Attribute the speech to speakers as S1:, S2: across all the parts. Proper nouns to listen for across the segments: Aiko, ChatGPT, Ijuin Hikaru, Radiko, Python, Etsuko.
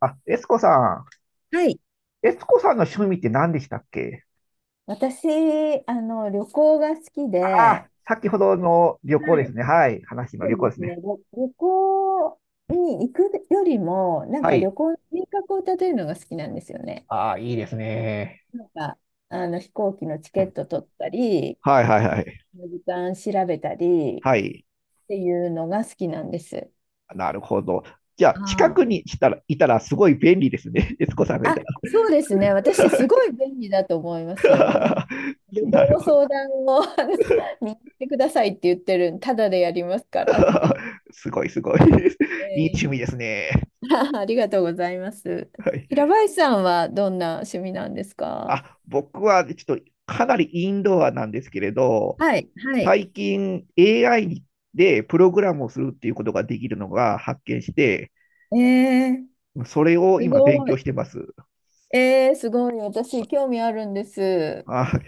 S1: エスコさ
S2: はい。
S1: ん。エスコさんの趣味って何でしたっけ？
S2: 私、旅行が好き
S1: あ
S2: で、
S1: あ、先ほどの旅行で
S2: は
S1: す
S2: い。
S1: ね。はい。話の
S2: そ
S1: 旅
S2: う
S1: 行
S2: で
S1: です
S2: すね、
S1: ね。
S2: 旅行に行くよりも、なん
S1: は
S2: か旅
S1: い。
S2: 行の計画を立てるのが好きなんですよね。
S1: ああ、いいですね。
S2: なんか、飛行機のチケット取ったり、
S1: はいはいはい。
S2: 時間調べたりっ
S1: はい。
S2: ていうのが好きなんです。
S1: なるほど。じゃあ、近く
S2: あ
S1: にしたら、いたらすごい便利ですね。エスコさんが
S2: あ、
S1: いたら。
S2: そうですね。私、すごい便利だと思いますよ。ね、旅
S1: な
S2: 行
S1: る
S2: の
S1: ほど。
S2: 相談を見に行ってくださいって言ってる、ただでやりますからって言っ
S1: すごいすごい。
S2: て。
S1: いい趣味ですね。
S2: ありがとうございます。
S1: はい。
S2: 平林さんはどんな趣味なんですか？
S1: 僕はちょっとかなりインドアなんですけれど、
S2: はい、はい。
S1: 最近 AI でプログラムをするっていうことができるのが発見して、
S2: えー、
S1: それを
S2: す
S1: 今勉
S2: ご
S1: 強
S2: い。
S1: してます。
S2: えー、すごい。私、興味あるんです。え
S1: あ、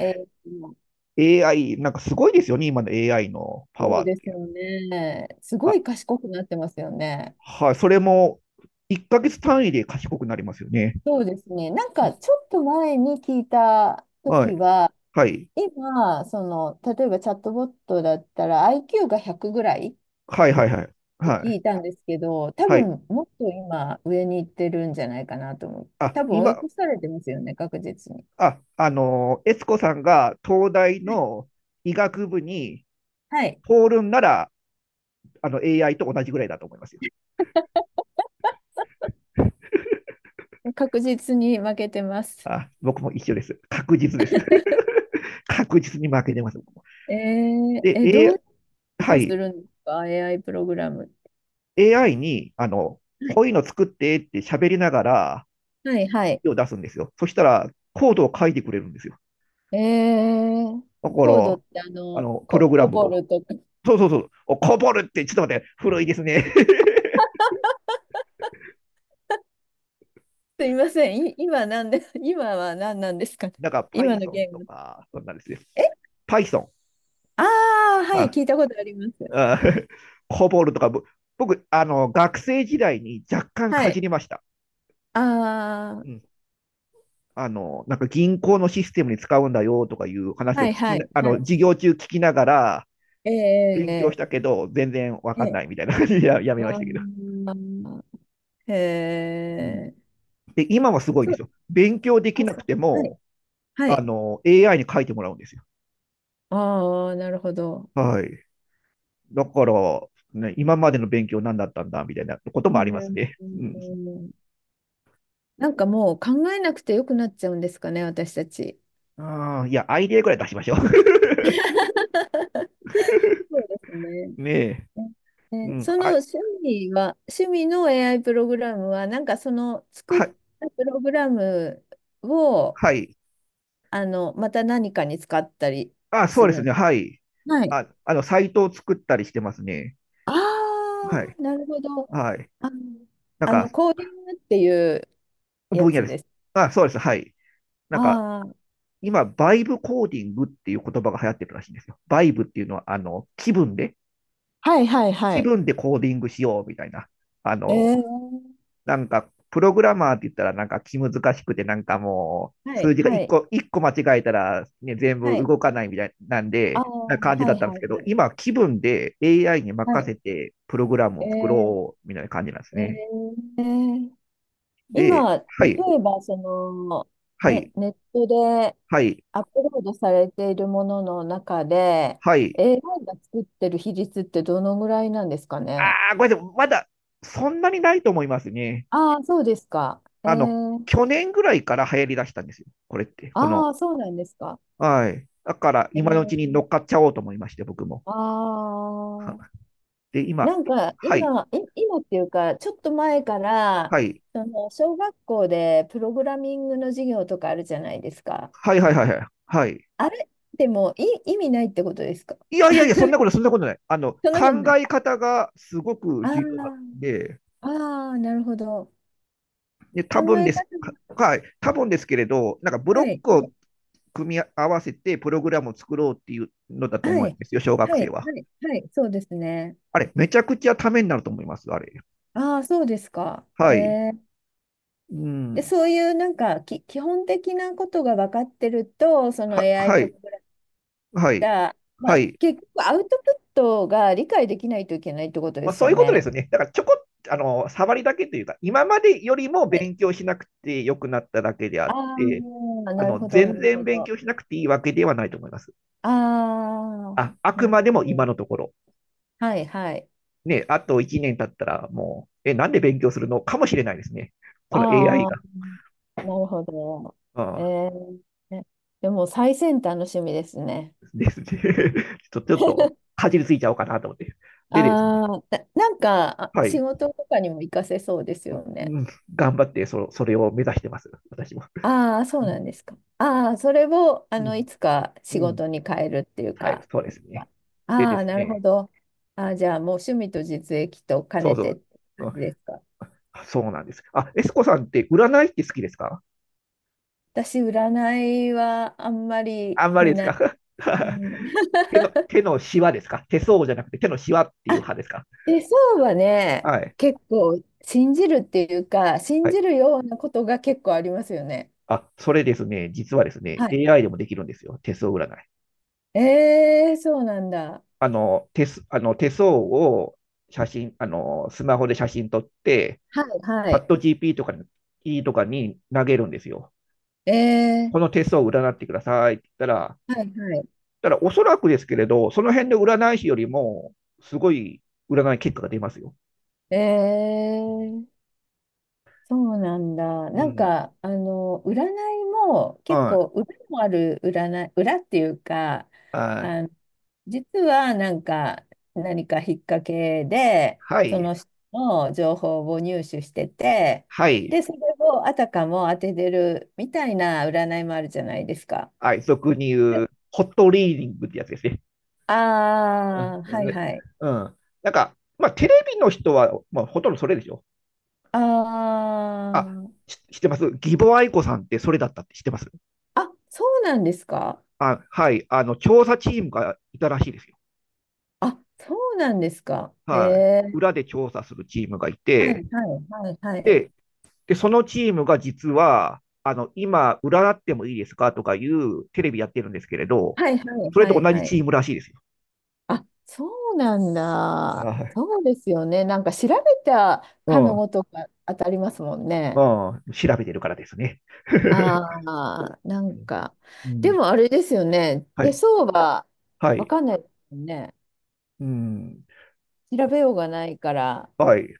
S2: ー、
S1: AI、なんかすごいですよね、今の AI のパ
S2: そう
S1: ワーっ
S2: です
S1: て。
S2: よね。すご
S1: あ、
S2: い賢くなってますよね。
S1: はい、それも1ヶ月単位で賢くなりますよね。
S2: そうですね。なんか、ちょっと前に聞いた
S1: は
S2: 時
S1: い、
S2: は、
S1: はい、
S2: 今、例えばチャットボットだったら IQ が100ぐらい
S1: はい、はい、はい、
S2: って
S1: は
S2: 聞
S1: い、
S2: いたんですけど、多
S1: はい。
S2: 分もっと今上に行ってるんじゃないかなと思う。
S1: あ、
S2: 多分追い
S1: 今、
S2: 越されてますよね、確実に。
S1: あ、あの、悦子さんが東大
S2: はい。
S1: の医学部に
S2: はい、
S1: 通るんなら、あの AI と同じぐらいだと思いますよ。
S2: 確実に負けてます。
S1: あ、僕も一緒です。確実です。確実に負けてます。
S2: えー、
S1: で、
S2: どういう
S1: A、
S2: こ
S1: は
S2: とす
S1: い、
S2: るんですか？ AI プログラム、
S1: AI に、こういうの作ってって喋りながら、
S2: はいはい。はい、
S1: 手を出すんですよ。そしたら、コードを書いてくれるんですよ。
S2: えー、
S1: だか
S2: コード
S1: ら、
S2: って
S1: プログラ
S2: コ
S1: ム
S2: ボ
S1: を。
S2: ルとか。
S1: そうそうそう。こぼるって、ちょっと待って、古いですね。
S2: すいません。今なんで、今は何なんですかね。
S1: なんか、
S2: 今の
S1: Python
S2: ゲー
S1: と
S2: ム。
S1: か、そんなんですよ。
S2: え、
S1: Python。
S2: ああ、はい、
S1: あ、
S2: 聞いたことあります。
S1: あ こぼるとか、僕、学生時代に若干
S2: は
S1: かじ
S2: い。
S1: りました。
S2: あ
S1: うん。なんか銀行のシステムに使うんだよとかいう
S2: あ、
S1: 話
S2: は
S1: を聞
S2: い
S1: き
S2: は
S1: な、
S2: い
S1: あ
S2: は
S1: の、
S2: い。
S1: 授業中聞きながら勉強
S2: え
S1: した
S2: え、
S1: けど、全然わかん
S2: え
S1: ない
S2: え、
S1: みたいな感じでや
S2: あ
S1: めましたけど。
S2: ー、へ
S1: うん。
S2: え。
S1: で、今はすごい
S2: そ
S1: で
S2: う、
S1: すよ。勉強できなく
S2: そ
S1: て
S2: う。はい。
S1: も、
S2: はい。
S1: AI に書いてもらうんですよ。
S2: ああ、なるほど。
S1: はい。だから、ね、今までの勉強何だったんだみたいなこと
S2: う
S1: もあります
S2: ん。
S1: ね。
S2: う
S1: うん。
S2: ん、なんかもう考えなくてよくなっちゃうんですかね、私たち。
S1: ああ、いや、アイデアぐらい出しましょう。
S2: そうですね。
S1: ねえ。うん。
S2: その
S1: あ、
S2: 趣味は、趣味の AI プログラムは、なんかその作っ
S1: はい、
S2: たプログラムを、
S1: はい。
S2: また何かに使ったり
S1: あ、そ
S2: す
S1: うで
S2: る
S1: すね。は
S2: ん。
S1: い。
S2: はい。
S1: サイトを作ったりしてますね。
S2: あ
S1: はい。
S2: あ、なるほど。
S1: はい。
S2: あの、
S1: なんか、
S2: コーディングっていうや
S1: 分野
S2: つ
S1: です。
S2: です。
S1: あ、そうです。はい。なんか、
S2: あ
S1: 今、バイブコーディングっていう言葉が流行ってるらしいんですよ。バイブっていうのは、
S2: あ、はいはいは
S1: 気
S2: い。
S1: 分でコーディングしようみたいな。あの、
S2: ええ
S1: プログラマーって言ったら、なんか気難しくて、なんかもう、
S2: はい、
S1: 数字が
S2: はい、
S1: 一個間違えたら、ね、全
S2: は
S1: 部
S2: い。
S1: 動かないみたいなん
S2: ああ、
S1: で、な
S2: は
S1: 感じだっ
S2: い、
S1: たんで
S2: は
S1: す
S2: い、
S1: けど、
S2: はい。
S1: 今、気分で AI に
S2: は
S1: 任
S2: い。
S1: せて、プログラムを作
S2: ええ
S1: ろうみたいな感じなんです
S2: え
S1: ね。
S2: えええ。
S1: で、
S2: 今、例
S1: はい、
S2: えば、
S1: は
S2: ね、
S1: い、
S2: ネットで
S1: はい、
S2: アップロードされているものの中で、
S1: はい、はい、
S2: AI が作ってる比率ってどのぐらいなんですかね。
S1: ああ、ごめんなさい。まだ、そんなにないと思いますね。
S2: ああ、そうですか。
S1: あの、去年ぐらいから流行り出したんですよ。これって、こ
S2: あ
S1: の。
S2: あ、そうなんですか。
S1: はい。だから、
S2: え
S1: 今のうちに乗
S2: ー、
S1: っかっちゃおうと思いまして、僕も。
S2: あ
S1: はで、
S2: あ、
S1: 今、
S2: なんか
S1: はい、
S2: 今、今っていうか、ちょっと前から、
S1: はい、
S2: その小学校でプログラミングの授業とかあるじゃないですか。
S1: はい、はい、はい、はい。はい。
S2: あれでも意味ないってことですか？
S1: いやいやいや、そんなことない。あの、
S2: そんなこと
S1: 考
S2: ない。
S1: え方がすごく重要なん
S2: あ
S1: で、
S2: あ、ああ、なるほど。
S1: で、
S2: 考
S1: 多分
S2: え
S1: で
S2: 方
S1: す、
S2: が、
S1: はい、多分ですけれど、なんかブ
S2: は
S1: ロッ
S2: い、
S1: ク
S2: は
S1: を
S2: い、
S1: 組み合わせてプログラムを作ろうっていうのだと
S2: は
S1: 思うん
S2: い、
S1: ですよ、小学
S2: はい、は
S1: 生
S2: い、
S1: は。
S2: はい、そうですね。
S1: あれ、めちゃくちゃためになると思います、あれ。
S2: ああ、そうですか。
S1: はい。
S2: えー、
S1: う
S2: で、
S1: ん。
S2: そういうなんか基本的なことが分かってると、その
S1: は、
S2: AI
S1: は
S2: プ
S1: い。
S2: ログラ
S1: はい。
S2: た、ま
S1: は
S2: あ、
S1: い。
S2: 結局アウトプットが理解できないといけないってことで
S1: まあ、
S2: す
S1: そう
S2: よ
S1: いうことで
S2: ね。
S1: すね。だから、ちょこっと、触りだけというか、今までよりも
S2: はい。
S1: 勉強しなくて良くなっただけであっ
S2: ああ、
S1: て、
S2: なるほど、な
S1: 全
S2: る
S1: 然
S2: ほ
S1: 勉
S2: ど。
S1: 強しなくていいわけではないと思います。
S2: ああ、
S1: あ、あく
S2: な
S1: ま
S2: る
S1: で
S2: ほ
S1: も今
S2: ど。
S1: のところ。
S2: はい、はい。
S1: ね、あと1年経ったら、もう、え、なんで勉強するのかもしれないですね。この AI
S2: ああ、
S1: が。
S2: なるほど。
S1: う
S2: え
S1: ん、
S2: ー、ね、でも最先端の趣味ですね。
S1: ですね。ちょっと、かじりついちゃおうかなと思って。でですね。
S2: ああ、なんかあ
S1: は
S2: 仕
S1: い。
S2: 事とかにも活かせそうです
S1: う
S2: よ
S1: ん
S2: ね。
S1: うん、頑張ってそれを目指してます、私も。
S2: ああ、そ
S1: う
S2: う
S1: ん
S2: なんですか。ああ、それを、
S1: うん
S2: いつか
S1: う
S2: 仕事
S1: ん、
S2: に変えるっていう
S1: はい、
S2: か。
S1: そうですね。でで
S2: ああ、
S1: す
S2: なるほ
S1: ね、
S2: ど。ああ、じゃあ、もう趣味と実益と兼
S1: そう
S2: ね
S1: そ
S2: てっ
S1: う、
S2: て
S1: う
S2: 感
S1: ん、
S2: じですか？
S1: そうなんです。あ、エスコさんって占いって好きですか？
S2: 私、占いはあんまり
S1: あんまり
S2: 見
S1: です
S2: ない。
S1: か？
S2: う ん、
S1: 手のシワですか？手相じゃなくて手のシワっていう
S2: あ、
S1: 派ですか？
S2: 手相はね、
S1: はい。
S2: 結構信じるっていうか、信
S1: は
S2: じ
S1: い。
S2: るようなことが結構ありますよね。
S1: あ、それですね、実はですね、
S2: はい。
S1: AI でもできるんですよ。手相占い。
S2: えー、そうなんだ。
S1: あの手相を写真、あの、スマホで写真撮って、
S2: はい、は
S1: チャッ
S2: い。
S1: ト GP とかに投げるんですよ。
S2: え
S1: この
S2: ー、
S1: 手相を占ってくださいって言ったら、
S2: はい、は
S1: だからおそらくですけれど、その辺で占い師よりも、すごい占い結果が出ますよ。
S2: い。えー。そうなんだ。
S1: う
S2: なん
S1: ん。
S2: か、占いも
S1: う
S2: 結
S1: ん。
S2: 構裏もある占い、裏っていうか、
S1: あ、
S2: あの、実はなんか何か引っ掛けで、
S1: は
S2: そ
S1: い。
S2: の人の情報を入手してて、
S1: はい。
S2: で、それをあたかも当ててるみたいな占いもあるじゃないですか。
S1: はい。俗に言う、ホットリーディングってやつですね。
S2: ああー、
S1: う
S2: は
S1: ん
S2: い
S1: ね。
S2: はい。
S1: うん。なんか、まあ、テレビの人は、まあ、ほとんどそれでしょ。
S2: あ
S1: あ、
S2: ー、
S1: 知ってます？義母愛子さんってそれだったって知ってます？
S2: そうなんですか？
S1: あ、はい。あの、調査チームがいたらしいですよ。
S2: あ、そうなんですか？
S1: はい、
S2: えー、
S1: 裏で調査するチームがい
S2: はい
S1: て、
S2: はいはいはい。
S1: で、でそのチームが実は、今、占ってもいいですかとかいうテレビやってるんですけれど、
S2: はいはい
S1: それ
S2: は
S1: と
S2: い
S1: 同
S2: は
S1: じ
S2: い。
S1: チームらしいですよ。
S2: あ、そうなんだ。
S1: はい。
S2: そうですよね。なんか調べた
S1: う
S2: かの
S1: ん。
S2: ごとく当たりますもん
S1: う
S2: ね。
S1: ん。調べてるからですね。
S2: ああ、なんか。
S1: う
S2: で
S1: ん。
S2: もあれですよね。
S1: は
S2: 手
S1: い。
S2: 相は
S1: は
S2: わ
S1: い。
S2: かんないですよね。
S1: うん。
S2: 調べようがないから。
S1: はい。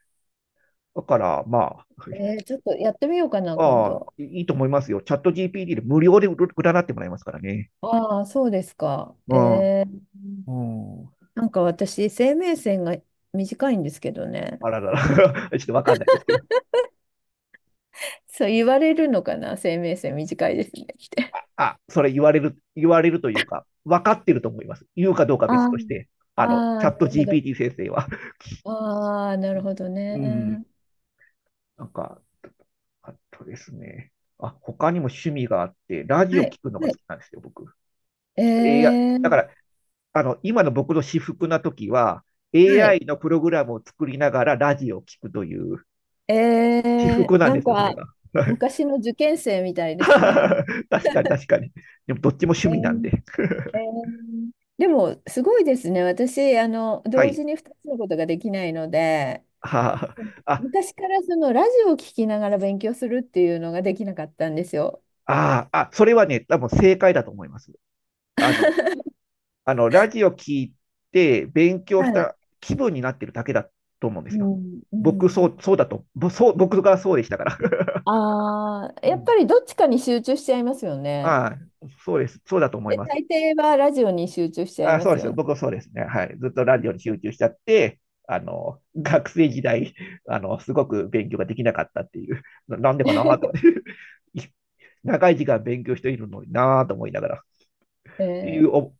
S1: だから、まあ、
S2: ちょっとやってみようかな、今
S1: ああ、
S2: 度。
S1: いいと思いますよ。チャット GPT で無料で占ってもらいますからね。
S2: ああ、そうですか。
S1: うん。
S2: ー
S1: うん。
S2: なんか私、生命線が短いんですけどね。
S1: あららら、ちょっとわかんないですけど。
S2: そう言われるのかな、生命線短いですねって。
S1: あ、それ言われる、言われるというか、分かってると思います。言うかどうか別
S2: あ
S1: として、
S2: あ、あ
S1: あの、チ
S2: あ、
S1: ャッ
S2: な
S1: ト
S2: るほど。
S1: GPT 先生は。
S2: ああ、なるほど
S1: うん、
S2: ね。
S1: なんか、あとですね。あ、他にも趣味があって、ラジ
S2: は
S1: オ
S2: い、
S1: 聞くの
S2: は
S1: が好き
S2: い。
S1: なんですよ、僕。
S2: え
S1: ちょっと AI、だか
S2: ー、
S1: ら、今の僕の私服な時は、
S2: はい。
S1: AI のプログラムを作りながらラジオを聞くという、私
S2: え
S1: 服
S2: ー、
S1: なん
S2: な
S1: で
S2: ん
S1: すよ、それ
S2: か、
S1: が。
S2: 昔の受験生みたいですね。
S1: 確かに、確かに。でも、どっちも趣
S2: え
S1: 味なん
S2: ー、
S1: で。
S2: えー、でも、すごいですね。私、
S1: は
S2: 同
S1: い。
S2: 時に2つのことができないので、
S1: はあ、あ、
S2: 昔からそのラジオを聞きながら勉強するっていうのができなかったんですよ。
S1: ああ、あ、それはね、多分正解だと思います。あの、あの、ラジオ聞いて勉強し
S2: はい。
S1: た気分になってるだけだと思うんです
S2: う
S1: よ。
S2: ん、う
S1: 僕、そう、
S2: ん。
S1: そうだと、ぼそう、僕がそうでしたから。
S2: ああ、
S1: う
S2: やっぱ
S1: ん。
S2: りどっちかに集中しちゃいますよ ね。
S1: ああ、そうです。そうだと思い
S2: で、
S1: ます。
S2: 大抵はラジオに集中しちゃ
S1: あ
S2: い
S1: あ、
S2: ま
S1: そう
S2: す
S1: です
S2: よ
S1: よ。
S2: ね。
S1: 僕はそうですね。はい。ずっとラジオに集中しちゃって、あの、学生時代、あの、すごく勉強ができなかったっていう、なんでかなと思っ て、長い時間勉強しているのになと思いながら、っ
S2: え
S1: ていうお
S2: ー、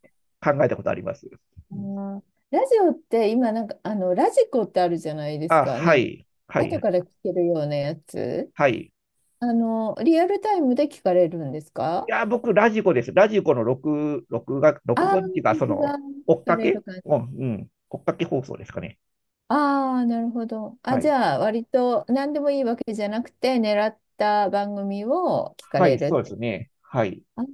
S1: 考えたことあります。
S2: あ
S1: う、
S2: ー、ラジオって今なんかあのラジコってあるじゃないです
S1: あ、
S2: か。
S1: は
S2: なんか
S1: い、は
S2: 後
S1: い、
S2: から聞けるようなやつ。
S1: はい。い
S2: リアルタイムで聞かれるんですか？
S1: や、僕、ラジコです。ラジコの録、録画、
S2: あ
S1: 録
S2: あー、
S1: 画っていうか、その、
S2: 録聞かれる感じ。
S1: 追っかけ放送ですかね。
S2: ああ、なるほど。あ、
S1: は
S2: じ
S1: い。
S2: ゃあ割と何でもいいわけじゃなくて狙った番組を聞か
S1: はい、
S2: れるっ
S1: そうで
S2: て。
S1: すね。はい、
S2: あ、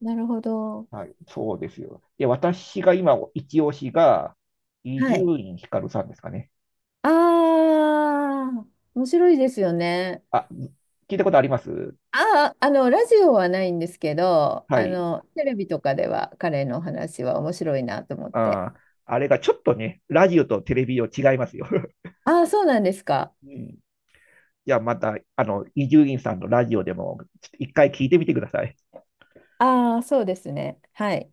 S2: なるほど。
S1: はい、そうですよ。で、私が今、一押しが、伊
S2: は
S1: 集
S2: い。
S1: 院光さんですかね。
S2: ああ、面白いですよね。
S1: あ、聞いたことあります？
S2: ああ、ラジオはないんですけど、
S1: はい。
S2: テレビとかでは彼の話は面白いなと思って。
S1: あー、あれがちょっとね、ラジオとテレビを違いますよ。
S2: ああ、そうなんですか。
S1: うん。じゃあまた、あの、伊集院さんのラジオでも、ちょっと一回聞いてみてください。
S2: ああ、そうですね。はい。